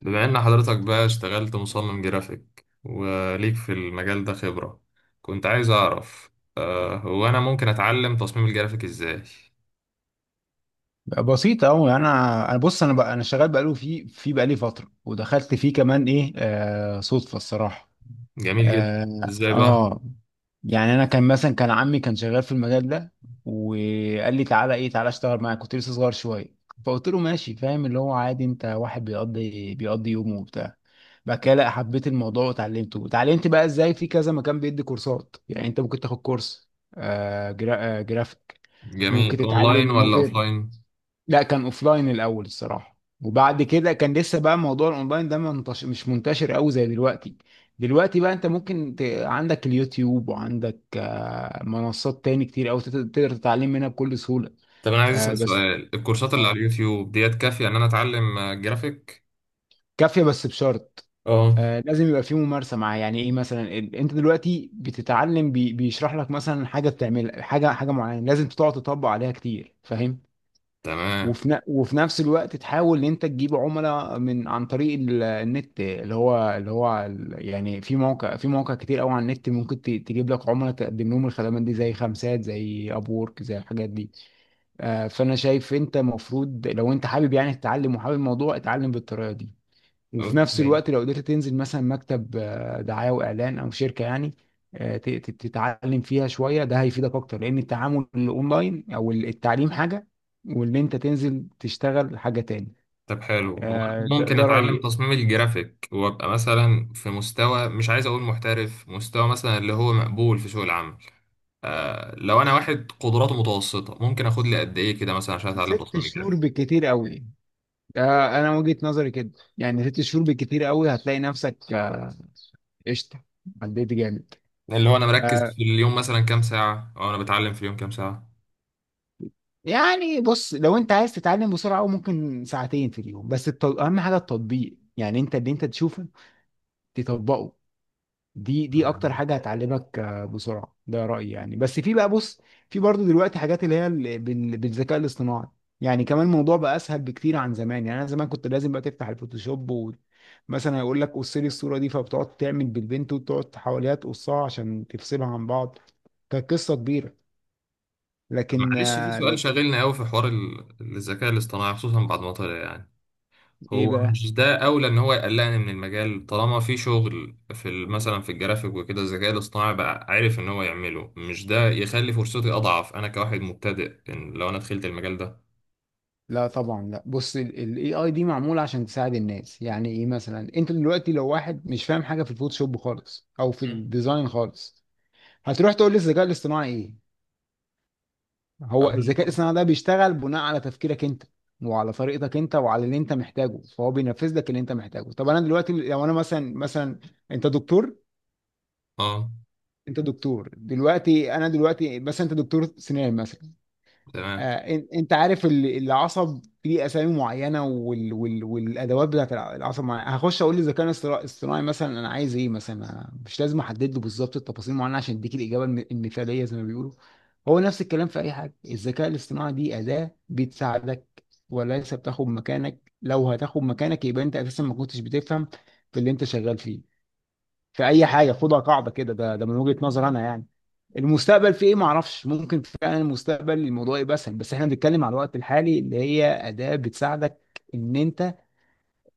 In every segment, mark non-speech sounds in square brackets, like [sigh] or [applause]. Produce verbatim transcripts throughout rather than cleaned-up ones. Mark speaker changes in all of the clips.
Speaker 1: بما ان حضرتك بقى اشتغلت مصمم جرافيك وليك في المجال ده خبرة. كنت عايز اعرف، آه، هو انا ممكن اتعلم تصميم الجرافيك ازاي؟
Speaker 2: بسيطة أوي. أنا أنا بص، أنا بقى أنا شغال بقاله في في بقالي فترة، ودخلت فيه كمان إيه آه صدفة الصراحة.
Speaker 1: جميل جدا.
Speaker 2: آه,
Speaker 1: ازاي بقى؟
Speaker 2: آه يعني أنا كان مثلا كان عمي كان شغال في المجال ده، وقال لي تعالى إيه تعالى أشتغل معاك، كنت لسه صغير شوية. فقلت له ماشي، فاهم اللي هو عادي، أنت واحد بيقضي بيقضي يومه وبتاع. بعد كده لا حبيت الموضوع وتعلمته، وتعلمت بقى إزاي، في كذا مكان بيدي كورسات، يعني أنت ممكن تاخد كورس آه جرا آه جرافيك. ممكن
Speaker 1: جميل.
Speaker 2: تتعلم
Speaker 1: اونلاين ولا
Speaker 2: ممكن.
Speaker 1: اوفلاين؟
Speaker 2: لا، كان اوفلاين الاول الصراحه، وبعد كده كان لسه بقى موضوع الاونلاين ده منتش... مش منتشر قوي زي دلوقتي. دلوقتي بقى انت ممكن ت... عندك اليوتيوب، وعندك آه، منصات تاني كتير قوي تقدر تقدر تتعلم منها بكل سهوله.
Speaker 1: طب انا عايز
Speaker 2: آه،
Speaker 1: اسال
Speaker 2: بس.
Speaker 1: سؤال، الكورسات اللي
Speaker 2: آه،
Speaker 1: على اليوتيوب ديت كافية ان انا اتعلم آه، جرافيك؟
Speaker 2: كافيه بس بشرط.
Speaker 1: اه.
Speaker 2: آه، لازم يبقى في ممارسه معاه، يعني ايه، مثلا ال- انت دلوقتي بتتعلم بي... بيشرح لك مثلا حاجه بتعملها، حاجه حاجه معينه لازم تقعد تطبق عليها كتير، فاهم.
Speaker 1: تمام.
Speaker 2: وفي ن- وفي نفس الوقت تحاول ان انت تجيب عملاء من عن طريق ال- النت، اللي هو اللي هو ال- يعني في موقع في مواقع كتير قوي على النت ممكن ت- تجيب لك عملاء، تقدم لهم الخدمات دي زي خمسات زي ابورك زي الحاجات دي. آه، فانا شايف انت المفروض لو انت حابب يعني تتعلم وحابب الموضوع، اتعلم بالطريقه دي. وفي نفس
Speaker 1: اوكي.
Speaker 2: الوقت لو قدرت تنزل مثلا مكتب آه، دعاية وإعلان أو شركة يعني، آه، ت- ت- تتعلم فيها شوية، ده هيفيدك أكتر، لأن التعامل الأونلاين أو التعليم حاجة، واللي أنت تنزل تشتغل حاجة تاني.
Speaker 1: طب حلو، هو
Speaker 2: آه،
Speaker 1: أنا
Speaker 2: ده
Speaker 1: ممكن
Speaker 2: ده
Speaker 1: اتعلم
Speaker 2: رأيي.
Speaker 1: تصميم الجرافيك وابقى مثلا في مستوى، مش عايز اقول محترف، مستوى مثلا اللي هو مقبول في سوق العمل؟ آه لو انا واحد قدراته متوسطه ممكن اخد لي قد ايه كده مثلا عشان اتعلم
Speaker 2: ست
Speaker 1: تصميم
Speaker 2: شهور
Speaker 1: جرافي؟
Speaker 2: بالكتير قوي. آه، أنا وجهة نظري كده، يعني ست شهور بالكتير قوي هتلاقي نفسك آه، قشطة، عديت جامد.
Speaker 1: اللي هو انا مركز
Speaker 2: آه،
Speaker 1: في اليوم مثلا كام ساعه، او انا بتعلم في اليوم كام ساعه؟
Speaker 2: يعني بص، لو انت عايز تتعلم بسرعة أوي، ممكن ساعتين في اليوم، بس التط... اهم حاجة التطبيق، يعني انت اللي انت تشوفه تطبقه. دي دي اكتر حاجه هتعلمك آه، بسرعه، ده رايي يعني. بس في بقى، بص، في برضو دلوقتي حاجات اللي هي ال- بال- بالذكاء الاصطناعي، يعني كمان الموضوع بقى اسهل بكتير عن زمان. يعني انا زمان كنت لازم بقى تفتح الفوتوشوب، ومثلا يقول لك قص لي الصوره دي، فبتقعد تعمل بالبنت وتقعد حواليها تقصها عشان تفصلها عن بعض، كانت قصه كبيره.
Speaker 1: طب
Speaker 2: لكن
Speaker 1: معلش، في
Speaker 2: آه،
Speaker 1: سؤال
Speaker 2: لك
Speaker 1: شاغلنا قوي في حوار ال- الذكاء الاصطناعي خصوصا بعد ما طلع يعني.
Speaker 2: ايه
Speaker 1: هو
Speaker 2: بقى،
Speaker 1: مش ده اولى ان هو يقلقني من المجال طالما في شغل في ال- مثلا في الجرافيك وكده الذكاء الاصطناعي بقى عارف ان هو يعمله؟ مش ده يخلي فرصتي اضعف انا كواحد مبتدئ إن لو انا دخلت المجال ده؟
Speaker 2: لا طبعا لا. بص، الاي اي دي معموله عشان تساعد الناس، يعني ايه، مثلا انت دلوقتي لو واحد مش فاهم حاجه في الفوتوشوب خالص او في
Speaker 1: مم.
Speaker 2: الديزاين خالص، هتروح تقول للذكاء الاصطناعي ايه. هو الذكاء
Speaker 1: اه.
Speaker 2: الاصطناعي ده بيشتغل بناء على تفكيرك انت، وعلى طريقتك انت، وعلى اللي انت محتاجه، فهو بينفذ لك اللي انت محتاجه. طب انا دلوقتي لو انا مثلا مثلا انت دكتور.
Speaker 1: آه،
Speaker 2: انت دكتور دلوقتي انا دلوقتي مثلا انت دكتور سنان مثلا.
Speaker 1: تمام.
Speaker 2: آه، إن- انت عارف ال- العصب ليه اسامي معينه، وال... وال... والادوات بتاعت الع- العصب معينة. هخش اقول للذكاء الاصطرا- الاصطناعي مثلا انا عايز ايه، مثلا آه، مش لازم احدد له بالظبط التفاصيل معينه عشان اديك الاجابه الم- المثاليه زي ما بيقولوا. هو نفس الكلام في اي حاجه، الذكاء الاصطناعي دي اداه بتساعدك وليس بتاخد مكانك، لو هتاخد مكانك يبقى انت اساسا ما كنتش بتفهم في اللي انت شغال فيه. في اي حاجه خدها قاعده كده، ده ده من وجهه نظر انا يعني. المستقبل فيه ايه ما اعرفش، ممكن فعلا المستقبل الموضوع يبقى اسهل، بس احنا بنتكلم على الوقت الحالي، اللي هي اداة بتساعدك ان انت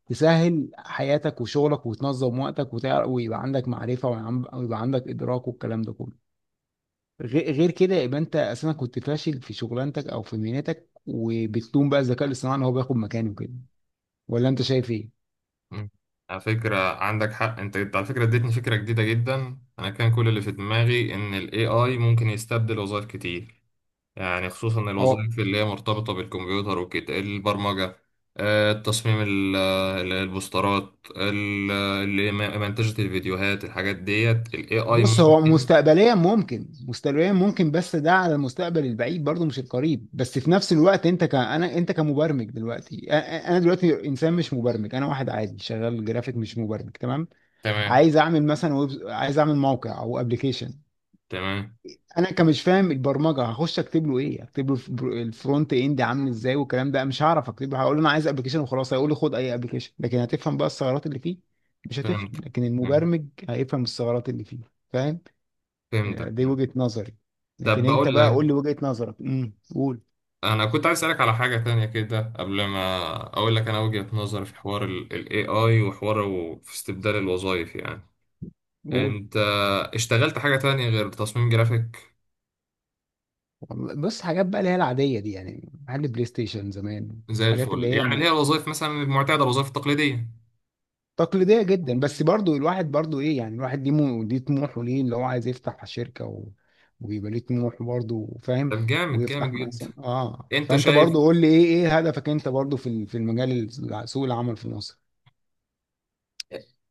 Speaker 2: تسهل حياتك وشغلك وتنظم وقتك وتعرف ويبقى عندك معرفة، ويعم- ويبقى عندك ادراك والكلام ده كله. غير غير كده يبقى انت اساسا كنت فاشل في شغلانتك او في مهنتك، وبتلوم بقى الذكاء الاصطناعي ان هو بياخد مكانه كده. ولا انت شايف ايه؟
Speaker 1: مم. على فكرة عندك حق. انت انت على فكرة اديتني فكرة جديدة جدا. انا كان كل اللي في دماغي ان ال إيه آي ممكن يستبدل وظائف كتير، يعني خصوصا
Speaker 2: هو
Speaker 1: الوظائف اللي هي مرتبطة بالكمبيوتر وكده البرمجة، آه، التصميم ال- ال- البوسترات ال- اللي م- منتجة الفيديوهات، الحاجات ديت ال إيه آي
Speaker 2: بص، هو
Speaker 1: ممكن.
Speaker 2: مستقبليا ممكن، مستقبليا ممكن، بس ده على المستقبل البعيد برضه مش القريب. بس في نفس الوقت، انت ك انا، انت كمبرمج دلوقتي، أ- أ- انا دلوقتي انسان مش مبرمج، انا واحد عادي شغال جرافيك مش مبرمج، تمام.
Speaker 1: تمام.
Speaker 2: عايز اعمل مثلا ويب، عايز اعمل موقع او ابلكيشن.
Speaker 1: تمام.
Speaker 2: انا كمش فاهم البرمجه، هخش اكتب له ايه، اكتب له الفر- الفرونت اند عامل ازاي والكلام ده، مش هعرف اكتب له، هقول له انا عايز ابلكيشن وخلاص هيقول لي خد اي ابلكيشن، لكن هتفهم بقى الثغرات اللي فيه؟ مش هتفهم،
Speaker 1: فهمت.
Speaker 2: لكن
Speaker 1: فهمت-
Speaker 2: المبرمج هيفهم الثغرات اللي فيه، فاهم.
Speaker 1: فهمتك.
Speaker 2: دي وجهة نظري،
Speaker 1: طب
Speaker 2: لكن انت
Speaker 1: بقول
Speaker 2: بقى
Speaker 1: لك،
Speaker 2: قول لي وجهة نظرك، امم قول.
Speaker 1: انا كنت عايز اسالك على حاجه تانية كده قبل ما اقول لك انا وجهه نظري في حوار الاي اي وحواره في استبدال الوظائف يعني.
Speaker 2: قول.
Speaker 1: انت اشتغلت حاجه تانية غير تصميم جرافيك؟
Speaker 2: والله بص، حاجات بقى اللي هي العادية دي يعني، محل بلاي ستيشن زمان،
Speaker 1: زي
Speaker 2: الحاجات اللي
Speaker 1: الفل،
Speaker 2: هي
Speaker 1: يعني اللي
Speaker 2: م-
Speaker 1: هي الوظائف مثلا المعتاده، الوظائف التقليديه.
Speaker 2: تقليدية جدا. بس برضو الواحد برضو ايه، يعني الواحد ليه مو- ليه طموحه، ليه اللي هو عايز يفتح شركة و... ويبقى ليه طموح برضو، فاهم.
Speaker 1: طب جامد، جامد
Speaker 2: ويفتح
Speaker 1: جدا.
Speaker 2: مثلا اه
Speaker 1: انت
Speaker 2: فانت
Speaker 1: شايف؟
Speaker 2: برضو قول لي ايه، ايه هدفك انت برضو في ال- في المجال، ال- سوق العمل في مصر.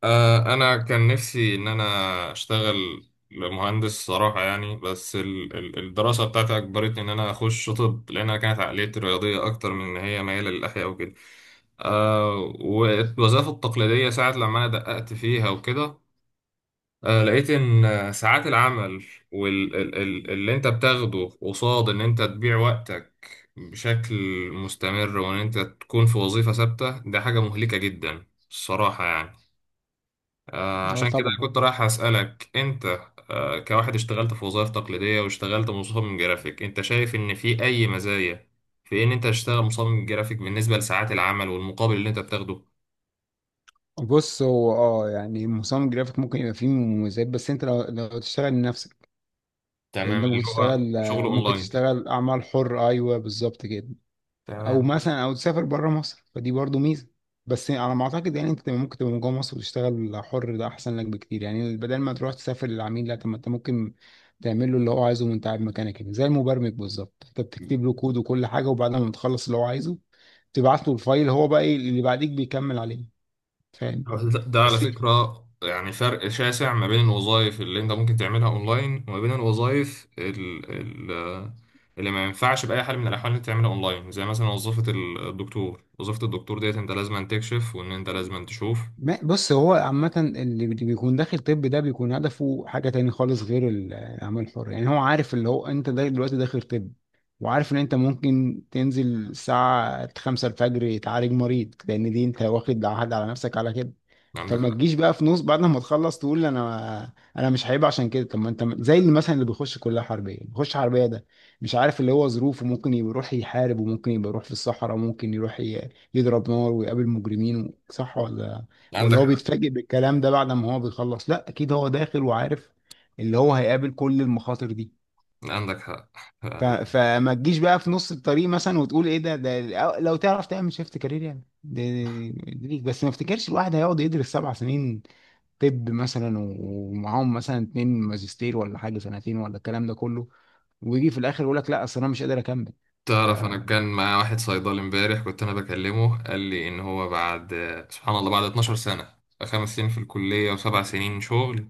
Speaker 1: آه انا كان نفسي ان انا اشتغل مهندس صراحه يعني، بس ال- ال- الدراسه بتاعتي اجبرتني ان انا اخش طب لانها كانت عقليتي رياضيه اكتر من ان هي مايله للاحياء. آه والوظائف التقليدية ساعة لما أنا دققت فيها وكده، آه لقيت إن آه، ساعات العمل واللي أنت بتاخده قصاد إن أنت تبيع وقتك بشكل مستمر، وإن أنت تكون في وظيفة ثابتة ده حاجة مهلكة جدا الصراحة يعني. آه
Speaker 2: اه
Speaker 1: عشان كده
Speaker 2: طبعا.
Speaker 1: كنت رايح أسألك أنت، آه كواحد اشتغلت في وظائف تقليدية واشتغلت مصمم جرافيك، أنت شايف إن في أي مزايا في إن أنت تشتغل مصمم جرافيك بالنسبة لساعات العمل والمقابل اللي أنت بتاخده؟
Speaker 2: بص هو اه يعني مصمم جرافيك ممكن يبقى فيه مميزات، بس انت لو لو تشتغل لنفسك، لان
Speaker 1: تمام،
Speaker 2: ده
Speaker 1: اللي
Speaker 2: ممكن
Speaker 1: هو
Speaker 2: تشتغل،
Speaker 1: شغل
Speaker 2: ممكن
Speaker 1: اونلاين.
Speaker 2: تشتغل اعمال حر، ايوه بالظبط كده. او
Speaker 1: تمام.
Speaker 2: مثلا او تسافر بره مصر، فدي برضو ميزه. بس على ما اعتقد، يعني انت ممكن تبقى من جوه مصر وتشتغل حر، ده احسن لك بكتير. يعني بدل ما تروح تسافر للعميل، لا، طب ما انت ممكن تعمل له اللي هو عايزه وانت قاعد مكانك هنا، زي المبرمج بالظبط، انت بتكتب له كود وكل حاجه وبعد ما بتخلص اللي هو عايزه تبعت له الفايل. هو بقى ايه اللي بعديك بيكمل عليه، فاهم.
Speaker 1: ده ده على
Speaker 2: بس
Speaker 1: فكرة يعني فرق شاسع ما بين الوظائف اللي انت ممكن تعملها اونلاين وما بين الوظائف ال- ال- اللي ما ينفعش بأي حال من الأحوال انك تعملها اونلاين، زي مثلا وظيفة الدكتور. وظيفة الدكتور ديت انت لازم أن تكشف وان انت لازم أن تشوف.
Speaker 2: ما- بص، هو عامة اللي بي- بيكون داخل طب، ده بيكون هدفه حاجة تاني خالص غير ال- الأعمال الحرة. يعني هو عارف اللي هو أنت دا- دلوقتي داخل طب، وعارف إن أنت ممكن تنزل الساعة خمسة الفجر تعالج مريض، لأن دي أنت واخد عهد على نفسك على كده.
Speaker 1: عندك
Speaker 2: فما
Speaker 1: حق.
Speaker 2: تجيش بقى في نص بعد ما تخلص تقول انا انا مش، هيبقى عشان كده. طب ما انت زي اللي مثلا اللي بيخش كليه حربيه، بيخش حربيه ده مش عارف اللي هو ظروفه، ممكن يبقى يروح يحارب، وممكن يبقى يروح في الصحراء، وممكن يروح ي- يضرب نار ويقابل مجرمين و- صح ولا، ولا
Speaker 1: عندك
Speaker 2: هو
Speaker 1: حق.
Speaker 2: بيتفاجئ بالكلام ده بعد ما هو بيخلص؟ لا اكيد هو داخل وعارف اللي هو هيقابل كل المخاطر دي.
Speaker 1: عندك حق
Speaker 2: ف...
Speaker 1: يعني.
Speaker 2: فما تجيش بقى في نص الطريق مثلا وتقول ايه ده، ده لو تعرف تعمل شيفت كارير يعني ده ده- ده ليك. بس ما افتكرش الواحد هيقعد يدرس سبع سنين، طب مثلا و- ومعاهم مثلا اتنين ماجستير ولا حاجه سنتين ولا الكلام ده كله، ويجي في الاخر يقول لك لا اصل انا مش قادر اكمل.
Speaker 1: تعرف انا كان معايا واحد صيدلي امبارح كنت انا بكلمه، قال لي ان هو بعد، سبحان الله، بعد 12 سنة، خمس سنين في الكلية وسبع سنين شغل،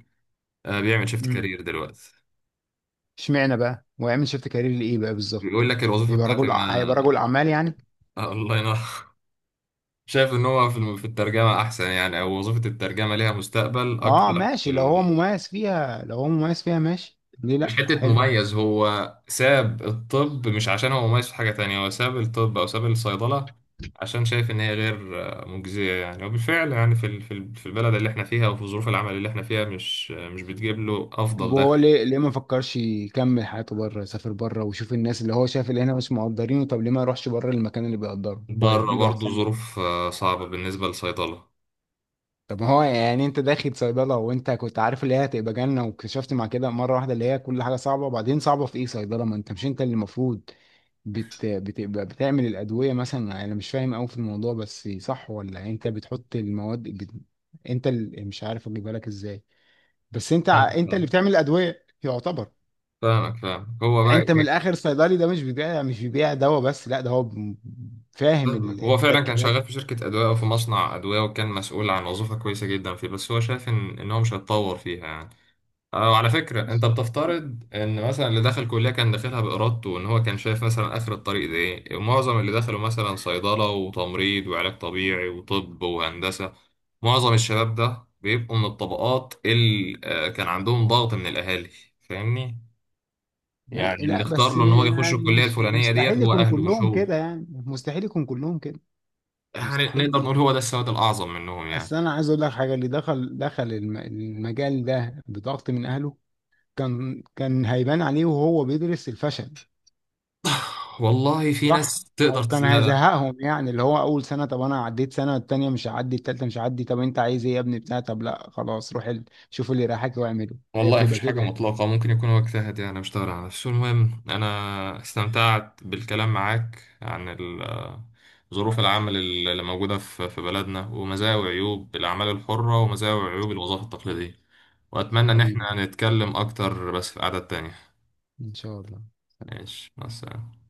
Speaker 1: آه، بيعمل شيفت
Speaker 2: امم
Speaker 1: كارير دلوقتي.
Speaker 2: اشمعنى بقى ويعمل شيفت كارير لايه بقى بالظبط،
Speaker 1: بيقول لك الوظيفة
Speaker 2: يبقى
Speaker 1: بتاعتي
Speaker 2: رجل
Speaker 1: ما،
Speaker 2: ع- هيبقى رجل اعمال يعني.
Speaker 1: آه، الله ينور. [laughs] شايف ان هو في الم- في الترجمة احسن يعني؟ او وظيفة الترجمة ليها مستقبل
Speaker 2: اه
Speaker 1: اكتر في
Speaker 2: ماشي لو هو
Speaker 1: ال-؟
Speaker 2: مميز فيها، لو هو مميز فيها ماشي، ليه
Speaker 1: مش
Speaker 2: لا،
Speaker 1: حتة
Speaker 2: حلو.
Speaker 1: مميز، هو ساب الطب مش عشان هو مميز في حاجة تانية، هو ساب الطب او ساب الصيدلة عشان شايف ان هي غير آه، مجزية يعني. وبالفعل يعني في ال- في ال- في البلد اللي احنا فيها وفي ظروف العمل اللي احنا فيها مش آه، مش بتجيب له
Speaker 2: طب
Speaker 1: افضل
Speaker 2: وهو
Speaker 1: دخل.
Speaker 2: ليه ليه ما فكرش يكمل حياته بره، يسافر بره ويشوف الناس، اللي هو شايف اللي هنا مش مقدرينه، طب ليه ما يروحش بره المكان اللي بيقدره
Speaker 1: بره
Speaker 2: وهيديله
Speaker 1: برضه
Speaker 2: احسن.
Speaker 1: ظروف آه، صعبة بالنسبة للصيدلة.
Speaker 2: طب ما هو يعني انت داخل صيدلة وانت كنت عارف اللي هي هتبقى جنة واكتشفت مع كده مرة واحدة اللي هي كل حاجة صعبة، وبعدين صعبة في ايه، صيدلة، ما انت مش انت اللي المفروض بت... بتبقى بتعمل الأدوية مثلا، انا مش فاهم قوي في الموضوع بس صح ولا، انت بتحط المواد بت... انت اللي مش عارف اجيبها لك ازاي. بس انت
Speaker 1: آه،
Speaker 2: ع- انت اللي بتعمل الأدوية يعتبر.
Speaker 1: فاهمك. فاهمك. هو
Speaker 2: يعني
Speaker 1: بقى
Speaker 2: انت من
Speaker 1: ايه؟
Speaker 2: الاخر صيدلي ده مش بيبيع، مش بيبيع دواء بس، لا ده هو ب- فاهم
Speaker 1: فاهمك.
Speaker 2: ال-
Speaker 1: هو فعلا كان
Speaker 2: التركيبات.
Speaker 1: شغال في شركة أدوية أو في مصنع أدوية، وكان مسؤول عن وظيفة كويسة جدا فيه، بس هو شايف إن إن هو مش هيتطور فيها يعني. أه وعلى فكرة أنت بتفترض إن مثلا اللي دخل كلية كان داخلها بإرادته وإن هو كان شايف مثلا آخر الطريق ده إيه. ومعظم اللي دخلوا مثلا صيدلة وتمريض وعلاج طبيعي وطب وهندسة، معظم الشباب ده بيبقوا من الطبقات اللي آه، كان عندهم ضغط من الأهالي. فاهمني؟
Speaker 2: ما
Speaker 1: يعني اللي
Speaker 2: لا
Speaker 1: اختار
Speaker 2: بس
Speaker 1: له
Speaker 2: م-
Speaker 1: إن هو يخش
Speaker 2: يعني
Speaker 1: الكلية
Speaker 2: مش
Speaker 1: الفلانية ديت
Speaker 2: مستحيل
Speaker 1: هو
Speaker 2: يكون
Speaker 1: أهله مش
Speaker 2: كلهم
Speaker 1: هو.
Speaker 2: كده، يعني مستحيل يكون كلهم كده،
Speaker 1: يعني
Speaker 2: مستحيل
Speaker 1: نقدر نقول
Speaker 2: يعني.
Speaker 1: هو ده السواد الأعظم منهم يعني.
Speaker 2: اصل انا عايز اقول لك حاجه، اللي دخل دخل الم- المجال ده بضغط من اهله، كان كان هيبان عليه وهو بيدرس الفشل
Speaker 1: والله في
Speaker 2: صح،
Speaker 1: ناس
Speaker 2: او
Speaker 1: تقدر تس...
Speaker 2: كان
Speaker 1: لا، لا.
Speaker 2: هيزهقهم. يعني اللي هو اول سنه، طب انا عديت سنه التانيه، مش هعدي التالته، مش هعدي، طب انت عايز ايه يا ابني بتاع طب، لا خلاص روح ال- شوف اللي رايحك واعمله، هي
Speaker 1: والله مفيش
Speaker 2: بتبقى
Speaker 1: حاجة
Speaker 2: كده يعني.
Speaker 1: مطلقة، ممكن يكون هو اجتهد يعني مش على نفسه. المهم أنا استمتعت بالكلام معاك عن ال- آه، ظروف العمل اللي موجودة في في بلدنا، ومزايا وعيوب الأعمال الحرة، ومزايا وعيوب الوظائف التقليدية. وأتمنى إن احنا
Speaker 2: حبيبي،
Speaker 1: نتكلم أكتر بس في قعدة تانية.
Speaker 2: ان شاء الله.
Speaker 1: ماشي، مع السلامة.